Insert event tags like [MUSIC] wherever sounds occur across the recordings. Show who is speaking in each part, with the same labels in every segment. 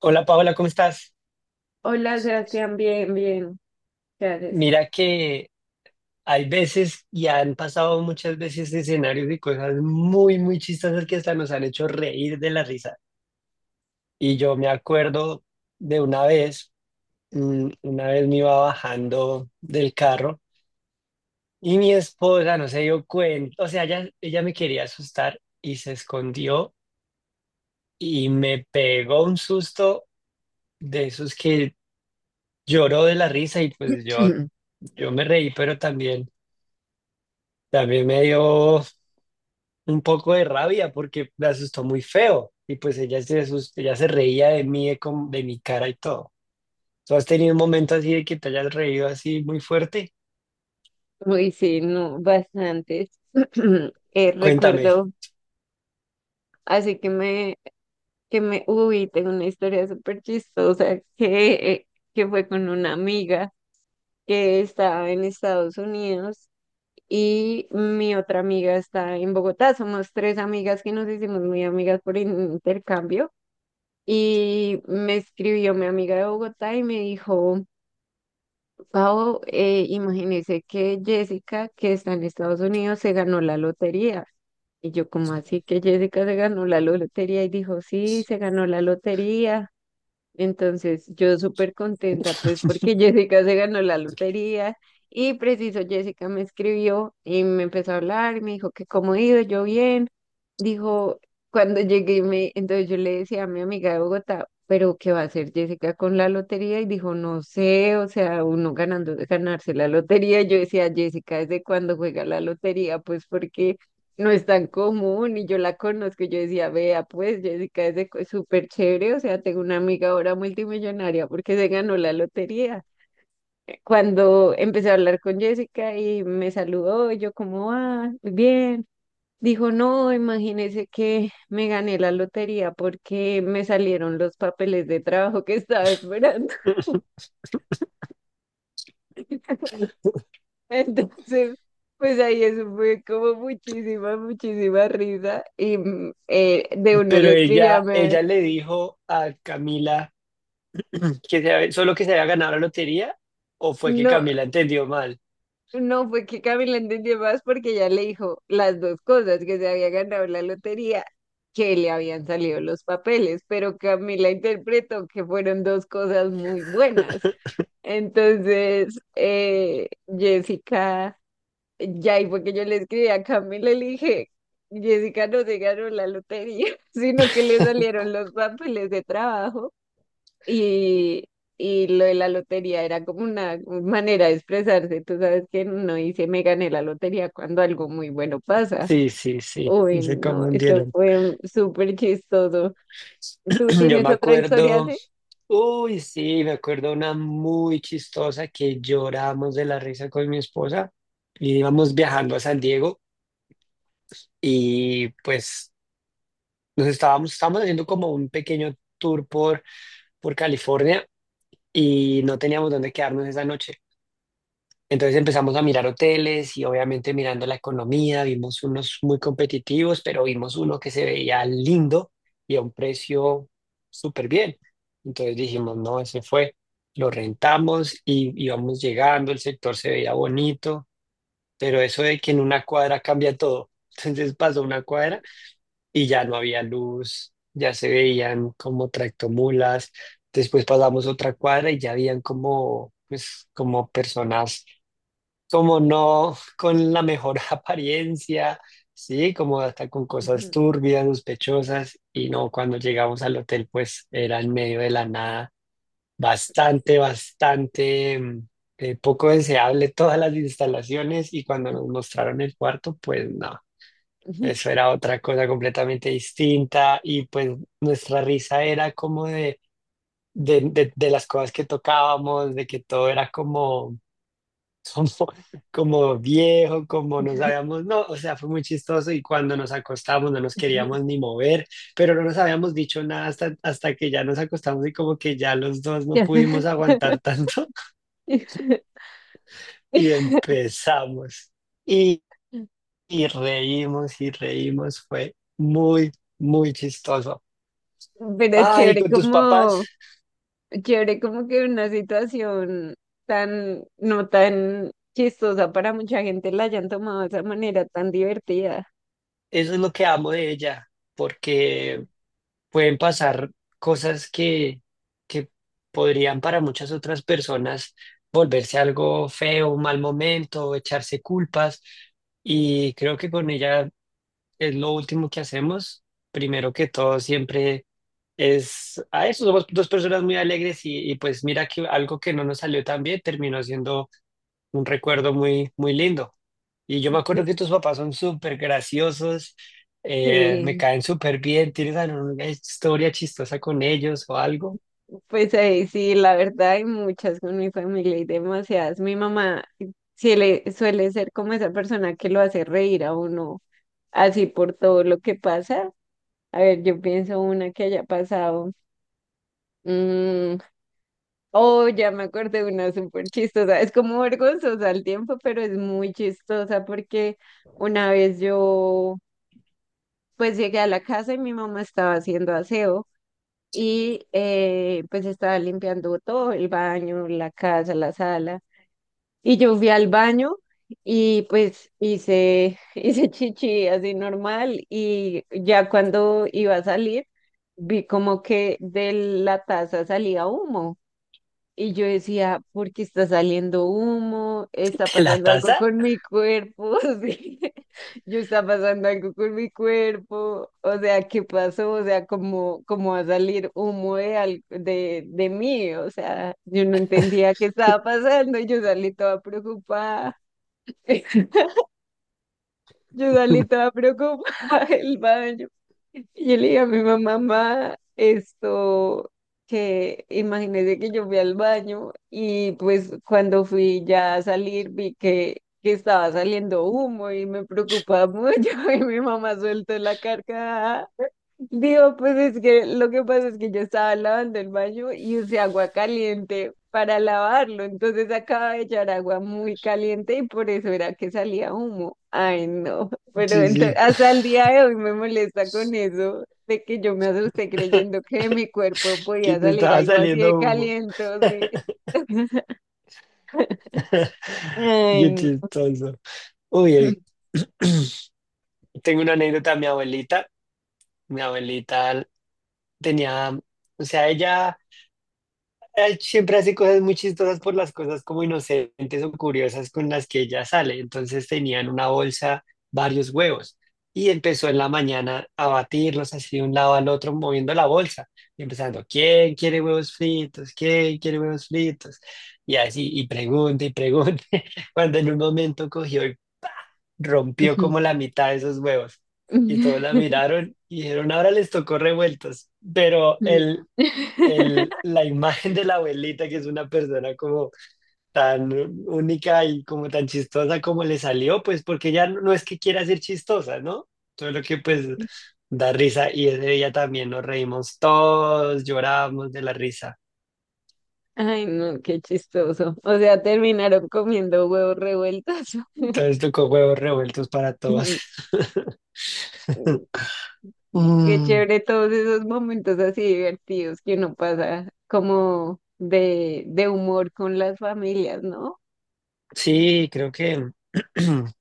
Speaker 1: Hola Paola, ¿cómo estás?
Speaker 2: Hola, Sebastián, bien, bien. Gracias.
Speaker 1: Mira que hay veces y han pasado muchas veces escenarios y cosas muy, muy chistosas que hasta nos han hecho reír de la risa. Y yo me acuerdo de una vez, una vez me iba bajando del carro y mi esposa no se dio cuenta, o sea, ella me quería asustar y se escondió y me pegó un susto de esos que lloró de la risa y pues yo,
Speaker 2: [CLEARS THROAT]
Speaker 1: yo me reí, pero también, también me dio un poco de rabia porque me asustó muy feo y pues ella se reía de mí, de mi cara y todo. ¿Tú has tenido un momento así de que te hayas reído así muy fuerte?
Speaker 2: Muy [LAUGHS] sí, no, bastantes. [CLEARS THROAT] Eh,
Speaker 1: Cuéntame.
Speaker 2: recuerdo, así que me, uy, tengo una historia súper chistosa que fue con una amiga que estaba en Estados Unidos y mi otra amiga está en Bogotá. Somos tres amigas que nos hicimos muy amigas por intercambio y me escribió mi amiga de Bogotá y me dijo... Pau, imagínese que Jessica, que está en Estados Unidos, se ganó la lotería. Y yo, ¿como así que Jessica se ganó la lotería? Y dijo, sí, se ganó la lotería. Entonces, yo súper contenta, pues, porque [LAUGHS] Jessica se ganó la lotería y preciso, Jessica me escribió y me empezó a hablar y me dijo que cómo he ido, yo bien. Dijo, cuando llegué, me, entonces yo le decía a mi amiga de Bogotá, pero ¿qué va a hacer Jessica con la lotería? Y dijo, no sé, o sea, uno ganando, ganarse la lotería. Yo decía, Jessica, ¿desde cuándo juega la lotería? Pues porque no es tan común y yo la conozco. Y yo decía, vea, pues Jessica es de co- súper chévere, o sea, tengo una amiga ahora multimillonaria porque se ganó la lotería. Cuando empecé a hablar con Jessica y me saludó, y yo como, ah, bien. Dijo, no, imagínese que me gané la lotería porque me salieron los papeles de trabajo que estaba esperando. [LAUGHS]
Speaker 1: [LAUGHS]
Speaker 2: Entonces, pues ahí eso fue como muchísima risa. Y de una
Speaker 1: Pero
Speaker 2: le escribí a
Speaker 1: ella,
Speaker 2: me,
Speaker 1: ella le dijo a Camila solo que se había ganado la lotería o fue que
Speaker 2: no,
Speaker 1: Camila entendió mal.
Speaker 2: no, fue que Camila entendió más porque ya le dijo las dos cosas, que se había ganado la lotería, que le habían salido los papeles, pero Camila interpretó que fueron dos cosas muy buenas. Entonces, Jessica, ya y fue que yo le escribí a Camila y le dije, Jessica no se ganó la lotería, [LAUGHS] sino que le
Speaker 1: [LAUGHS]
Speaker 2: salieron los papeles de trabajo. Y, y lo de la lotería era como una manera de expresarse. Tú sabes que no dice me gané la lotería cuando algo muy bueno pasa.
Speaker 1: Sí, sí, sí,
Speaker 2: Uy,
Speaker 1: se
Speaker 2: no, esto
Speaker 1: confundieron.
Speaker 2: fue un- súper chistoso. ¿Tú
Speaker 1: [CLEARS THROAT] Yo me
Speaker 2: tienes otra historia
Speaker 1: acuerdo.
Speaker 2: así?
Speaker 1: Uy, sí, me acuerdo una muy chistosa que lloramos de la risa con mi esposa. Y íbamos viajando a San Diego y pues estábamos haciendo como un pequeño tour por California y no teníamos dónde quedarnos esa noche. Entonces empezamos a mirar hoteles y obviamente mirando la economía, vimos unos muy competitivos, pero vimos uno que se veía lindo y a un precio súper bien. Entonces dijimos, no, ese fue, lo rentamos y íbamos llegando, el sector se veía bonito, pero eso de que en una cuadra cambia todo. [LAUGHS] Entonces pasó una cuadra y ya no había luz, ya se veían como tractomulas, después pasamos otra cuadra y ya habían como, pues, como personas como no con la mejor [LAUGHS] apariencia, sí, como hasta con cosas
Speaker 2: Ujú.
Speaker 1: turbias, sospechosas, y no, cuando llegamos al hotel, pues era en medio de la nada, bastante, bastante, poco deseable todas las instalaciones, y cuando nos mostraron el cuarto, pues no. Eso era otra cosa completamente distinta y pues nuestra risa era como de las cosas que tocábamos, de que todo era como como, [LAUGHS] como viejo, como no sabíamos, no, o sea, fue muy chistoso y cuando nos acostamos no nos queríamos ni mover, pero no nos habíamos dicho nada hasta, hasta que ya nos acostamos y como que ya los dos no pudimos aguantar tanto. [LAUGHS]
Speaker 2: [LAUGHS]
Speaker 1: Y empezamos y, y reímos, fue muy, muy chistoso.
Speaker 2: Pero
Speaker 1: Ay, con tus papás,
Speaker 2: chévere como que una situación tan, no tan chistosa para mucha gente la hayan tomado de esa manera tan divertida.
Speaker 1: eso es lo que amo de ella, porque pueden pasar cosas que podrían para muchas otras personas volverse algo feo, un mal momento, echarse culpas. Y creo que con ella es lo último que hacemos. Primero que todo, siempre es a eso. Somos dos personas muy alegres y pues mira que algo que no nos salió tan bien terminó siendo un recuerdo muy, muy lindo. Y yo me acuerdo
Speaker 2: Que
Speaker 1: que tus papás son súper graciosos, me
Speaker 2: sí.
Speaker 1: caen súper bien. ¿Tienes alguna historia chistosa con ellos o algo?
Speaker 2: Pues ahí sí, la verdad hay muchas con mi familia y demasiadas. Mi mamá sí le suele ser como esa persona que lo hace reír a uno, así por todo lo que pasa. A ver, yo pienso una que haya pasado. mm, oh, ya me acordé de una súper chistosa. Es como vergonzosa al tiempo, pero es muy chistosa porque una vez yo pues llegué a la casa y mi mamá estaba haciendo aseo y pues estaba limpiando todo, el baño, la casa, la sala. Y yo fui al baño y pues hice, [LAUGHS] hice chichi así normal y ya cuando iba a salir vi como que de la taza salía humo. Y yo decía, ¿por qué está saliendo humo? ¿Está
Speaker 1: [LAUGHS] ¿De la
Speaker 2: pasando algo
Speaker 1: taza?
Speaker 2: con mi cuerpo? [LAUGHS] Sí. Yo está pasando algo con mi cuerpo. O sea, ¿qué pasó? O sea, ¿cómo va a salir humo de, al- de mí? O sea, yo no entendía qué estaba pasando y yo salí toda preocupada. [LAUGHS] Yo igual estaba preocupada [LAUGHS] el baño. Y yo le dije a mi mamá, mamá, esto, que imagínese que yo fui al baño y pues cuando fui ya a salir vi que estaba saliendo humo y me preocupaba mucho [LAUGHS] y mi mamá suelto la carcajada. Digo, pues es que lo que pasa es que yo estaba lavando el baño y usé agua caliente para lavarlo. Entonces acaba de echar agua muy caliente y por eso era que salía humo. Ay, no, pero
Speaker 1: Sí,
Speaker 2: ento-
Speaker 1: sí.
Speaker 2: hasta el día de hoy me molesta con eso de que yo me asusté creyendo
Speaker 1: [LAUGHS]
Speaker 2: que de mi cuerpo
Speaker 1: Que
Speaker 2: podía
Speaker 1: te
Speaker 2: salir
Speaker 1: estaba
Speaker 2: algo así
Speaker 1: saliendo
Speaker 2: de
Speaker 1: humo.
Speaker 2: caliente. Sí. [LAUGHS]
Speaker 1: [LAUGHS]
Speaker 2: Ay,
Speaker 1: Qué
Speaker 2: no.
Speaker 1: chistoso. Uy, tengo una anécdota. Mi abuelita tenía, o sea, ella siempre hace cosas muy chistosas por las cosas como inocentes o curiosas con las que ella sale. Entonces tenía en una bolsa varios huevos y empezó en la mañana a batirlos así de un lado al otro moviendo la bolsa y empezando, ¿quién quiere huevos fritos? ¿Quién quiere huevos fritos? Y así, y pregunta, [LAUGHS] cuando en un momento cogió y rompió como la mitad de esos huevos. Y todos la
Speaker 2: [LAUGHS]
Speaker 1: miraron y dijeron, ahora les tocó revueltos. Pero él el, la imagen de la abuelita, que es una persona como tan única y como tan chistosa como le salió, pues porque ya no, no es que quiera ser chistosa, ¿no? Todo lo que pues da risa y ese día también nos reímos todos, llorábamos de la risa.
Speaker 2: Ay, no, qué chistoso. O sea, terminaron comiendo huevos revueltos.
Speaker 1: Entonces tocó huevos revueltos para todos.
Speaker 2: [LAUGHS]
Speaker 1: [LAUGHS]
Speaker 2: Qué
Speaker 1: Mm,
Speaker 2: chévere todos esos momentos así divertidos que uno pasa como de humor con las familias, ¿no?
Speaker 1: sí, creo que [CLEARS THROAT]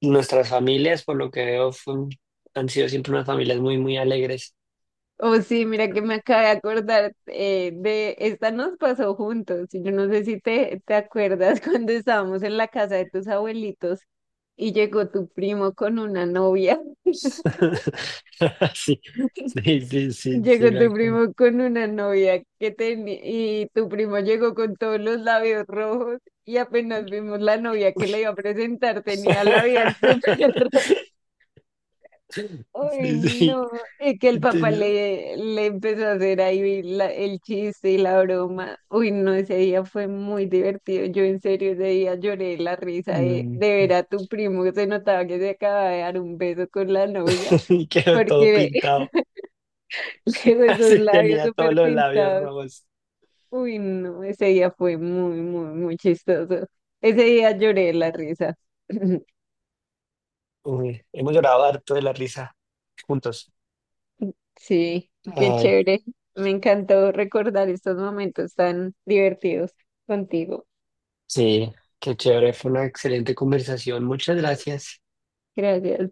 Speaker 1: nuestras familias, por lo que veo, han sido siempre unas familias muy, muy alegres.
Speaker 2: Oh, sí, mira que me acabé de acordar de esta nos pasó juntos. Yo no sé si te acuerdas [LAUGHS] cuando estábamos en la casa de tus abuelitos y llegó tu primo con una novia.
Speaker 1: [LAUGHS] Sí, sí, sí, sí,
Speaker 2: Llegó
Speaker 1: sí, me
Speaker 2: tu
Speaker 1: acuerdo.
Speaker 2: primo con una novia que tenía y tu primo llegó con todos los labios rojos y apenas vimos la novia que le iba a presentar tenía labial súper [LAUGHS] rojo.
Speaker 1: [LAUGHS]
Speaker 2: Ay,
Speaker 1: Sí, sí,
Speaker 2: no, y que el papá
Speaker 1: entendido.
Speaker 2: le empezó a hacer ahí la- el chiste y la broma. Uy, no, ese día fue muy divertido. Yo en serio ese día lloré de la risa
Speaker 1: Mm,
Speaker 2: de ver a tu primo que se notaba que se acababa de dar un beso con la novia
Speaker 1: [LAUGHS] y quedó todo
Speaker 2: porque
Speaker 1: pintado.
Speaker 2: [LAUGHS] luego
Speaker 1: [LAUGHS]
Speaker 2: esos
Speaker 1: Así
Speaker 2: labios
Speaker 1: tenía todos
Speaker 2: súper
Speaker 1: los labios
Speaker 2: pintados.
Speaker 1: rojos.
Speaker 2: Uy, no, ese día fue muy, muy, muy chistoso. Ese día lloré de la risa. [LAUGHS] [CLEARS THROAT]
Speaker 1: Uy, hemos llorado harto de la risa juntos.
Speaker 2: Sí, qué
Speaker 1: Ay,
Speaker 2: chévere. Me encantó recordar estos momentos tan divertidos contigo.
Speaker 1: sí, qué chévere, fue una excelente conversación. Muchas gracias.
Speaker 2: Gracias.